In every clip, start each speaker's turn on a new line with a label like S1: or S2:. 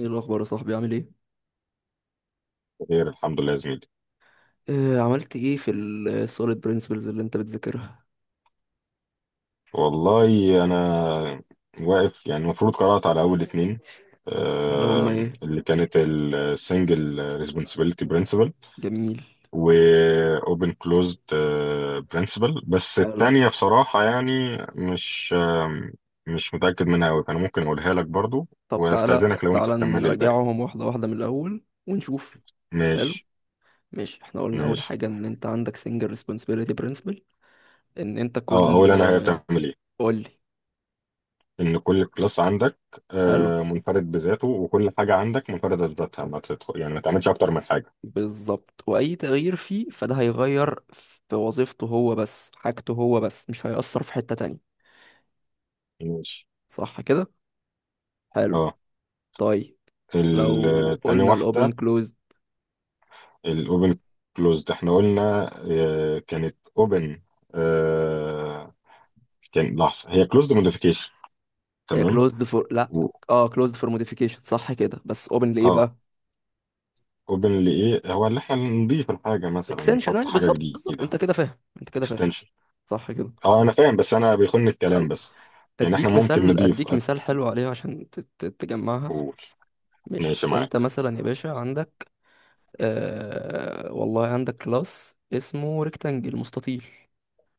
S1: ايه الاخبار يا صاحبي؟ عامل ايه؟
S2: خير. الحمد لله يا زميلي.
S1: آه، عملت ايه في السوليد برينسيبلز اللي انت بتذاكرها؟
S2: والله انا واقف، يعني المفروض قرأت على اول اتنين،
S1: اللي هم
S2: آه،
S1: ايه؟
S2: اللي كانت السنجل ريسبونسبيلتي برنسبل
S1: جميل.
S2: واوبن كلوزد برنسبل. بس
S1: حلو.
S2: التانية بصراحة يعني مش آه، مش متأكد منها قوي، فانا ممكن اقولها لك برضو،
S1: طب تعالى
S2: واستأذنك لو انت
S1: تعالى
S2: تكمل الباقي.
S1: نراجعهم واحده واحده من الاول ونشوف. حلو.
S2: ماشي.
S1: ماشي، احنا قلنا اول
S2: ماشي.
S1: حاجه ان انت عندك سنجل ريسبونسبيلتي برينسيبل، ان انت
S2: اه، اقول
S1: كل...
S2: انا هي بتعمل ايه.
S1: قول لي.
S2: ان كل كلاس عندك
S1: حلو.
S2: منفرد بذاته، وكل حاجه عندك منفرده بذاتها، ما تدخل يعني ما تعملش اكتر من حاجه.
S1: بالظبط، واي تغيير فيه فده هيغير في وظيفته هو بس، حاجته هو بس، مش هيأثر في حته تانية.
S2: ماشي.
S1: صح كده. حلو.
S2: اه.
S1: طيب، لو
S2: تاني
S1: قلنا الاوبن
S2: واحده
S1: close،
S2: الاوبن كلوزد احنا قلنا كانت اوبن، كان لحظه هي كلوزد موديفيكيشن.
S1: هي
S2: تمام.
S1: كلوزد فور لا...
S2: و...
S1: اه، كلوزد فور موديفيكيشن، صح كده، بس اوبن لايه
S2: اه
S1: بقى؟
S2: اوبن لايه هو اللي احنا نضيف الحاجه، مثلا
S1: اكستنشن،
S2: نحط
S1: ايوه
S2: حاجه
S1: بالظبط بالظبط، انت
S2: جديده،
S1: كده فاهم، انت كده فاهم.
S2: اكستنشن.
S1: صح كده.
S2: اه انا فاهم، بس انا بيخن الكلام
S1: حلو.
S2: بس. يعني احنا
S1: اديك
S2: ممكن
S1: مثال،
S2: نضيف
S1: اديك مثال حلو عليها عشان تجمعها.
S2: قول.
S1: ماشي،
S2: ماشي
S1: انت
S2: معاك.
S1: مثلا يا باشا عندك... والله عندك كلاس اسمه ريكتانجل، مستطيل.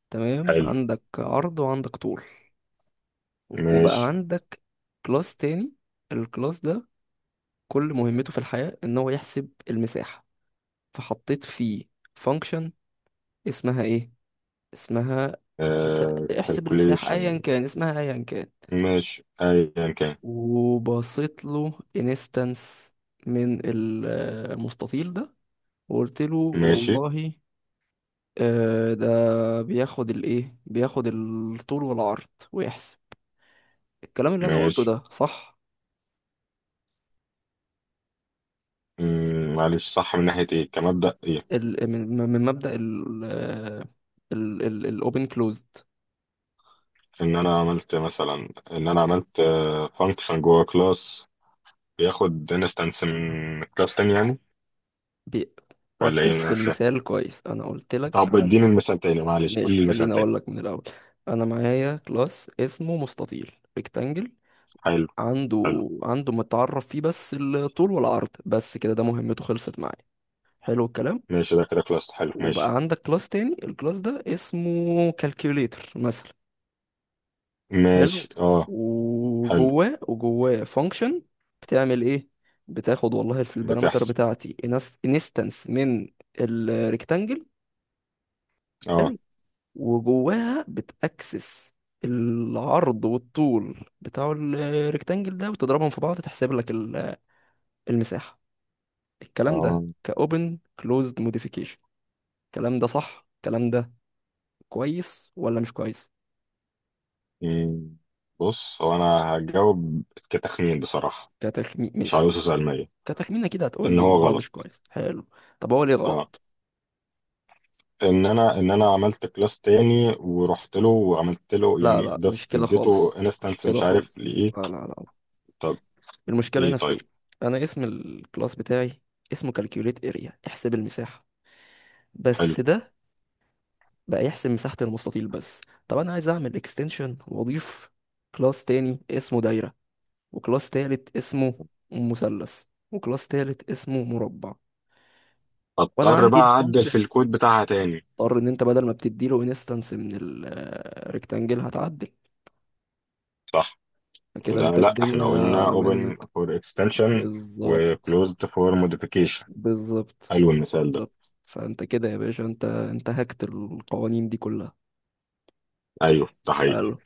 S1: تمام،
S2: حلو
S1: عندك عرض وعندك طول. وبقى
S2: ماشي.
S1: عندك كلاس تاني، الكلاس ده كل مهمته في الحياة ان هو يحسب المساحة، فحطيت فيه function اسمها ايه، اسمها... حس... احسب المساحة،
S2: كالكوليشن.
S1: ايا كان اسمها، ايا كان.
S2: ماشي ايا كان.
S1: وبصيت له انستنس من المستطيل ده، وقلت له
S2: ماشي.
S1: والله ده بياخد الايه، بياخد الطول والعرض ويحسب. الكلام اللي انا قلته
S2: ماشي.
S1: ده صح؟
S2: معلش صح من ناحية ايه؟ كمبدأ ايه؟
S1: من مبدأ الاوبن كلوزد.
S2: ان انا عملت مثلا، ان انا عملت فانكشن جوه كلاس بياخد انستنس من كلاس تاني، يعني ولا ايه؟
S1: بركز في
S2: مش فاهم.
S1: المثال كويس، انا قلت لك.
S2: طب اديني المثال تاني معلش، قول لي
S1: ماشي،
S2: المثال
S1: خليني
S2: تاني.
S1: اقول لك من الاول. انا معايا كلاس اسمه مستطيل، ريكتانجل،
S2: حلو. حلو
S1: عنده عنده متعرف فيه بس الطول والعرض، بس كده، ده مهمته خلصت معايا. حلو الكلام.
S2: ماشي. ده كده كلاس حلو.
S1: وبقى
S2: ماشي.
S1: عندك كلاس تاني، الكلاس ده اسمه كالكوليتر مثلا.
S2: ماشي.
S1: حلو.
S2: اه. حلو.
S1: وجواه فانكشن بتعمل ايه، بتاخد والله في البارامتر
S2: بتحصل.
S1: بتاعتي انستنس من الريكتانجل،
S2: اه.
S1: وجواها بتأكسس العرض والطول بتاع الريكتانجل ده، وتضربهم في بعض تحسب لك المساحة. الكلام ده
S2: اه.
S1: كأوبن كلوزد موديفيكيشن، الكلام ده صح؟ الكلام ده كويس ولا مش كويس؟
S2: مم. بص، هو انا هجاوب كتخمين بصراحة،
S1: كتخمين،
S2: مش
S1: مش
S2: عاوز علمية.
S1: كتخمين، كده هتقول
S2: ان
S1: لي
S2: هو
S1: ان هو مش
S2: غلط.
S1: كويس. حلو، طب هو ليه
S2: اه،
S1: غلط؟
S2: ان انا عملت كلاس تاني ورحت له وعملت له،
S1: لا
S2: يعني
S1: لا، مش
S2: ضفت
S1: كده
S2: اديته
S1: خالص، مش
S2: انستنس
S1: كده
S2: مش عارف
S1: خالص،
S2: لايه.
S1: لا لا لا.
S2: طب.
S1: المشكلة
S2: ايه
S1: هنا في
S2: طيب.
S1: ايه؟ انا اسم الكلاس بتاعي اسمه كالكيوليت اريا، احسب المساحة،
S2: حلو.
S1: بس ده بقى يحسب مساحة المستطيل بس. طب أنا عايز أعمل اكستنشن وأضيف كلاس تاني اسمه دايرة، وكلاس تالت اسمه مثلث، وكلاس تالت اسمه مربع، وأنا
S2: اضطر
S1: عندي
S2: بقى اعدل في
S1: الفانكشن،
S2: الكود بتاعها تاني.
S1: اضطر إن أنت بدل ما بتديله انستنس من الريكتانجل هتعدل.
S2: صح.
S1: فكده
S2: وده،
S1: أنت
S2: لا احنا
S1: الدنيا
S2: قلنا open
S1: منك.
S2: for extension و
S1: بالظبط،
S2: closed for modification.
S1: بالظبط،
S2: حلو المثال ده.
S1: بالظبط. فأنت كده يا باشا، أنت هكت القوانين دي كلها.
S2: ايوه ده حقيقي.
S1: حلو.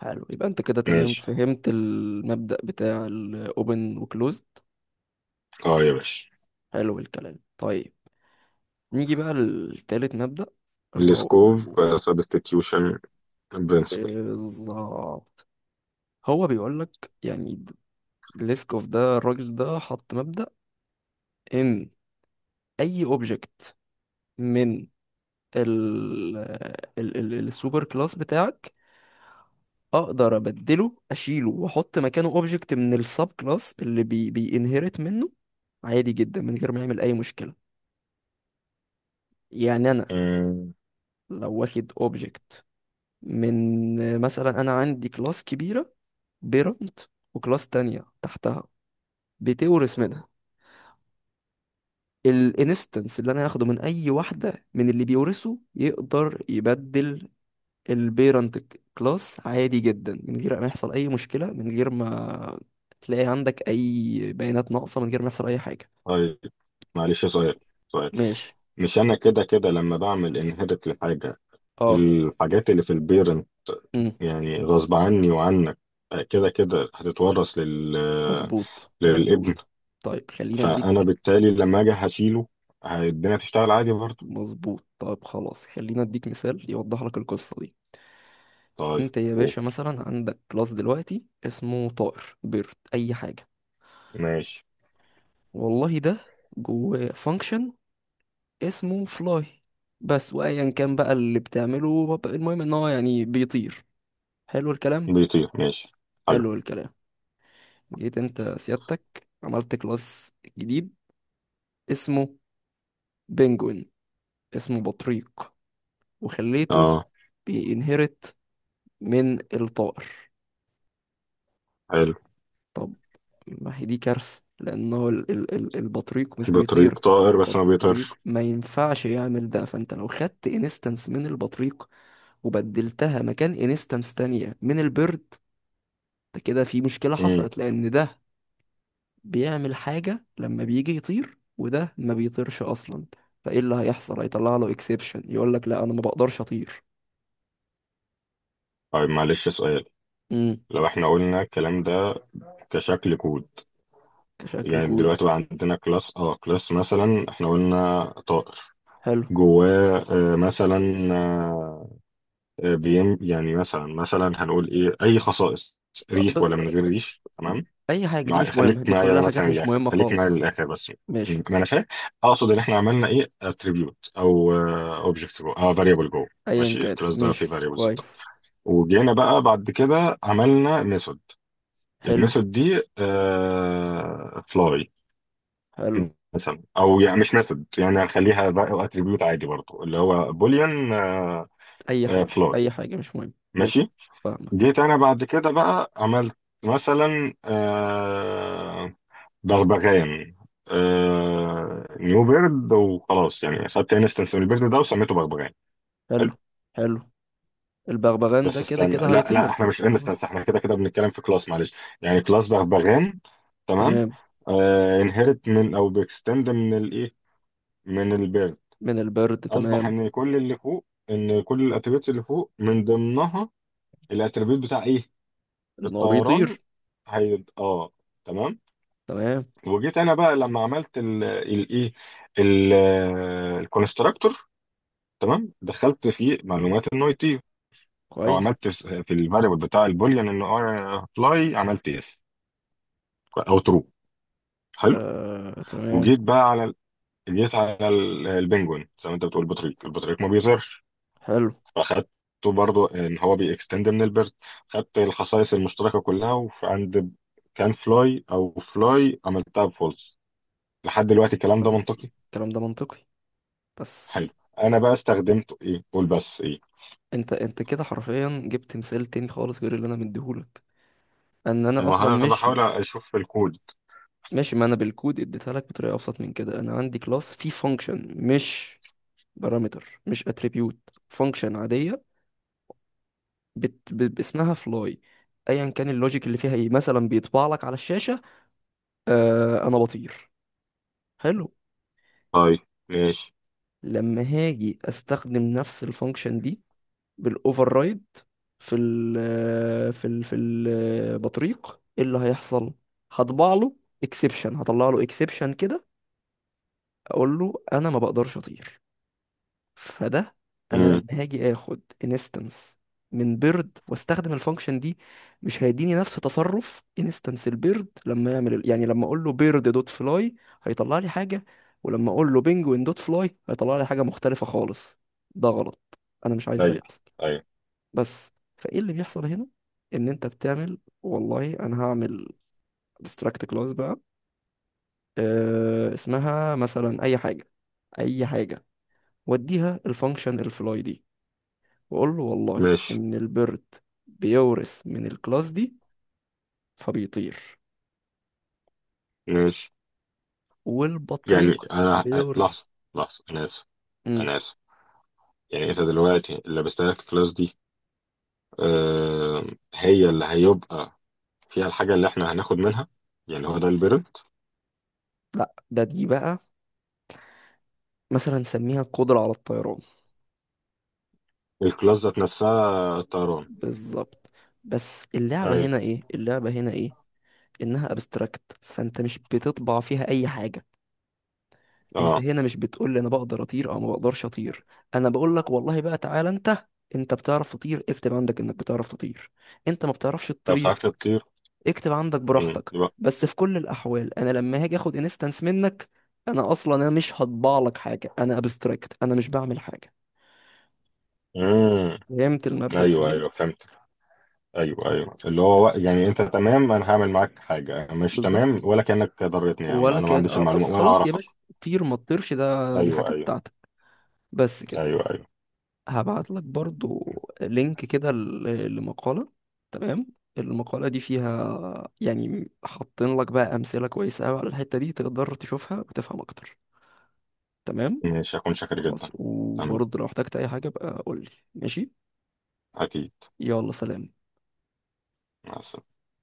S1: حلو، يبقى انت كده تمام،
S2: ماشي.
S1: فهمت المبدأ بتاع الاوبن وكلوزد.
S2: اه يا باشا.
S1: حلو الكلام. طيب، نيجي بقى لتالت مبدأ، اللي
S2: السكوب
S1: هو...
S2: substitution principle.
S1: بالظبط. هو بيقول لك يعني، ليسكوف ده، الراجل ده حط مبدأ ان اي اوبجكت من ال ال السوبر كلاس بتاعك، اقدر ابدله، اشيله واحط مكانه اوبجكت من السب كلاس اللي بي بينهرت منه، عادي جدا من غير ما يعمل اي مشكلة. يعني انا
S2: آه،
S1: لو واخد اوبجكت من... مثلا انا عندي كلاس كبيره، بيرنت، وكلاس تانية تحتها بتورث منها، الانستنس اللي انا هاخده من اي واحده من اللي بيورثه يقدر يبدل البيرنت كلاس، عادي جدا، من غير ما يحصل اي مشكله، من غير ما تلاقي عندك اي بيانات ناقصه، من غير ما يحصل اي حاجه.
S2: طيب معلش سؤال. سؤال.
S1: ماشي.
S2: مش انا كده كده لما بعمل انهيرت لحاجه،
S1: اه.
S2: الحاجات اللي في البيرنت
S1: امم
S2: يعني غصب عني وعنك كده كده هتتورث
S1: مظبوط
S2: للابن.
S1: مظبوط. طيب، خلينا
S2: فانا
S1: اديك...
S2: بالتالي لما اجي هشيله، الدنيا تشتغل عادي برضه.
S1: مظبوط. طيب خلاص، خلينا اديك مثال يوضح لك القصه دي.
S2: طيب.
S1: انت يا
S2: أوه.
S1: باشا مثلا عندك كلاس دلوقتي اسمه طائر، بيرد، اي حاجه،
S2: ماشي.
S1: والله ده جواه فانكشن اسمه فلاي بس، وايا كان بقى اللي المهم ان هو يعني بيطير. حلو الكلام.
S2: بيطير ماشي. حلو.
S1: حلو الكلام. جيت انت سيادتك عملت كلاس جديد اسمه بنجوين، اسمه بطريق، وخليته
S2: اه.
S1: بينهرت من الطائر.
S2: حلو.
S1: طب ما هي دي كارثة، لأنه البطريق مش
S2: بطريق
S1: بيطير.
S2: طائر بس ما
S1: البطريق
S2: بيطيرش.
S1: ما ينفعش يعمل ده، فأنت لو خدت انستنس من البطريق وبدلتها مكان انستنس تانية من البرد، ده كده في مشكلة
S2: امم.
S1: حصلت، لأن ده بيعمل حاجة لما بيجي يطير، وده ما بيطيرش أصلا. فإيه اللي هيحصل؟ هيطلع له اكسبشن، يقول لك لا أنا ما بقدرش أطير.
S2: طيب معلش سؤال.
S1: امم.
S2: لو احنا قلنا الكلام ده كشكل كود،
S1: كشكل
S2: يعني
S1: كود.
S2: دلوقتي بقى عندنا كلاس، اه كلاس مثلا احنا قلنا طائر.
S1: حلو.
S2: جواه مثلا، آه، بيم، يعني مثلا مثلا هنقول ايه؟ اي خصائص،
S1: ب...
S2: ريش ولا من غير ريش. تمام.
S1: أي حاجة، دي
S2: مع
S1: مش مهمة،
S2: خليك
S1: دي
S2: معايا
S1: كلها حاجات
S2: مثلا
S1: مش
S2: للاخر،
S1: مهمة
S2: خليك معايا
S1: خالص.
S2: للاخر بس. ما
S1: ماشي.
S2: انا فاهم. اقصد ان احنا عملنا ايه اتريبيوت او اوبجكت جوه، اه فاريبل جوه.
S1: ايا
S2: ماشي.
S1: كان،
S2: الكلاس ده فيه
S1: ماشي،
S2: فاريبلز بتاعته،
S1: كويس.
S2: وجينا بقى بعد كده عملنا ميثود.
S1: حلو.
S2: الميثود دي فلاي
S1: حلو.
S2: مثلا، او يعني مش ميثود، يعني هنخليها بقى اتريبيوت عادي برضو اللي هو بوليان.
S1: اي حاجه،
S2: فلور.
S1: اي حاجه، مش مهم، ماشي.
S2: ماشي.
S1: فاهمك.
S2: جيت انا بعد كده بقى عملت مثلا بغبغان، نيو بيرد، وخلاص يعني خدت انستنس من البيرد ده وسميته بغبغان.
S1: حلو.
S2: حلو.
S1: حلو. البغبغان
S2: بس
S1: ده كده
S2: استنى،
S1: كده
S2: لا لا
S1: هيطير.
S2: احنا مش
S1: ماشي.
S2: انستنس، احنا كده كده بنتكلم في كلاس، معلش. يعني كلاس بغبغان، تمام،
S1: تمام.
S2: انهرت من او بيكستند من الايه؟ من البيرد.
S1: من البرد،
S2: اصبح
S1: تمام.
S2: ان كل اللي فوق، ان كل الاتريبيوتس اللي فوق من ضمنها الاتريبيوت بتاع ايه؟
S1: ان هو
S2: الطيران.
S1: بيطير،
S2: هي اه. تمام.
S1: تمام،
S2: وجيت انا بقى لما عملت الايه الكونستراكتور، تمام دخلت فيه معلومات النوع تي، او
S1: كويس.
S2: عملت في الفاريبل بتاع البوليان ان فلاي عملت يس او ترو. حلو.
S1: آه تمام.
S2: وجيت بقى على جيت على البنجوين زي ما انت بتقول بطريق، البطريق ما بيظهرش،
S1: حلو.
S2: فاخدته برضو ان هو بيكستند من البرد، خدت الخصائص المشتركه كلها، وعند كان فلاي او فلاي عملتها بفولس. لحد دلوقتي الكلام ده
S1: حلو،
S2: منطقي؟
S1: الكلام ده منطقي، بس...
S2: حلو. انا بقى استخدمته ايه؟ قول بس ايه.
S1: انت كده حرفيا جبت مثال تاني خالص غير اللي انا مديهولك. ان انا
S2: ما
S1: اصلا
S2: هو انا
S1: مش...
S2: بحاول اشوف في الكود.
S1: مش، ما انا بالكود اديتها لك بطريقه ابسط من كده. انا عندي كلاس فيه فانكشن، مش بارامتر، مش اتريبيوت، فانكشن عاديه، باسمها فلاي، ايا كان اللوجيك اللي فيها ايه، مثلا بيطبع لك على الشاشه آه انا بطير. حلو.
S2: طيب. ماشي.
S1: لما هاجي استخدم نفس الفانكشن دي بالاوفر رايد في ال في البطريق، ايه اللي هيحصل؟ هطبع له اكسبشن، هطلع له اكسبشن كده، اقول له انا ما بقدرش اطير. فده... انا
S2: امم.
S1: لما هاجي اخد انستنس من بيرد واستخدم الفانكشن دي، مش هيديني نفس تصرف انستنس البيرد لما يعمل يعني لما اقول له بيرد دوت فلاي هيطلع لي حاجه، ولما اقول له بينجوين دوت فلاي هيطلع لي حاجه مختلفه خالص. ده غلط، انا مش عايز ده
S2: ايوه
S1: يحصل.
S2: ايوه.
S1: بس فايه اللي بيحصل هنا؟ ان انت بتعمل والله انا هعمل ابستراكت كلاس بقى، أه اسمها مثلا اي حاجه، اي حاجه، واديها الفانكشن الفلاي دي، وقول له والله
S2: ماشي
S1: إن البرد بيورث من الكلاس دي فبيطير،
S2: ماشي.
S1: والبطريق
S2: يعني انا،
S1: بيورث...
S2: لحظه لحظه، انا اسف،
S1: مم.
S2: انا اسف. يعني انت دلوقتي اللي بستهلك الكلاس دي، آه هي اللي هيبقى فيها الحاجه اللي احنا هناخد منها، يعني هو ده البيرد.
S1: لا، دي بقى مثلا سميها القدرة على الطيران.
S2: الكلاس ذات نفسها طيران.
S1: بالظبط. بس اللعبة
S2: ايوه
S1: هنا ايه، اللعبة هنا ايه، انها ابستراكت، فانت مش بتطبع فيها اي حاجة. انت
S2: اه.
S1: هنا مش بتقول لي انا بقدر اطير او ما بقدرش اطير، انا بقول لك والله بقى تعالى انت، انت بتعرف تطير اكتب عندك انك بتعرف تطير، انت ما بتعرفش
S2: طب
S1: تطير
S2: ساعات بتطير.
S1: اكتب عندك براحتك.
S2: يبقى.
S1: بس في كل الاحوال انا لما هاجي اخد انستنس منك، انا اصلا مش هطبع لك حاجه، انا ابستراكت، انا مش بعمل حاجه.
S2: امم.
S1: فهمت المبدأ في
S2: ايوه ايوه
S1: ايه؟
S2: فهمت. ايوه ايوه، اللي هو يعني انت تمام، انا هعمل معاك حاجه مش تمام،
S1: بالظبط.
S2: ولا كانك ضرتني يا عم
S1: ولا
S2: انا ما
S1: كان
S2: عنديش
S1: اه
S2: المعلومه
S1: بس
S2: ولا
S1: خلاص يا
S2: اعرفك.
S1: باشا، طير ما تطيرش، ده دي
S2: ايوه
S1: حاجه
S2: ايوه.
S1: بتاعتك، بس كده.
S2: ايوه ايوه.
S1: هبعت لك برضو لينك كده لمقاله، تمام، المقاله دي فيها يعني حاطين لك بقى امثله كويسه قوي على الحته دي، تقدر تشوفها وتفهم اكتر. تمام.
S2: ماشي. هكون شاكر
S1: خلاص،
S2: جدا. تمام.
S1: وبرضه لو احتجت اي حاجة بقى قول لي. ماشي.
S2: اكيد.
S1: يلا سلام.
S2: مع السلامه.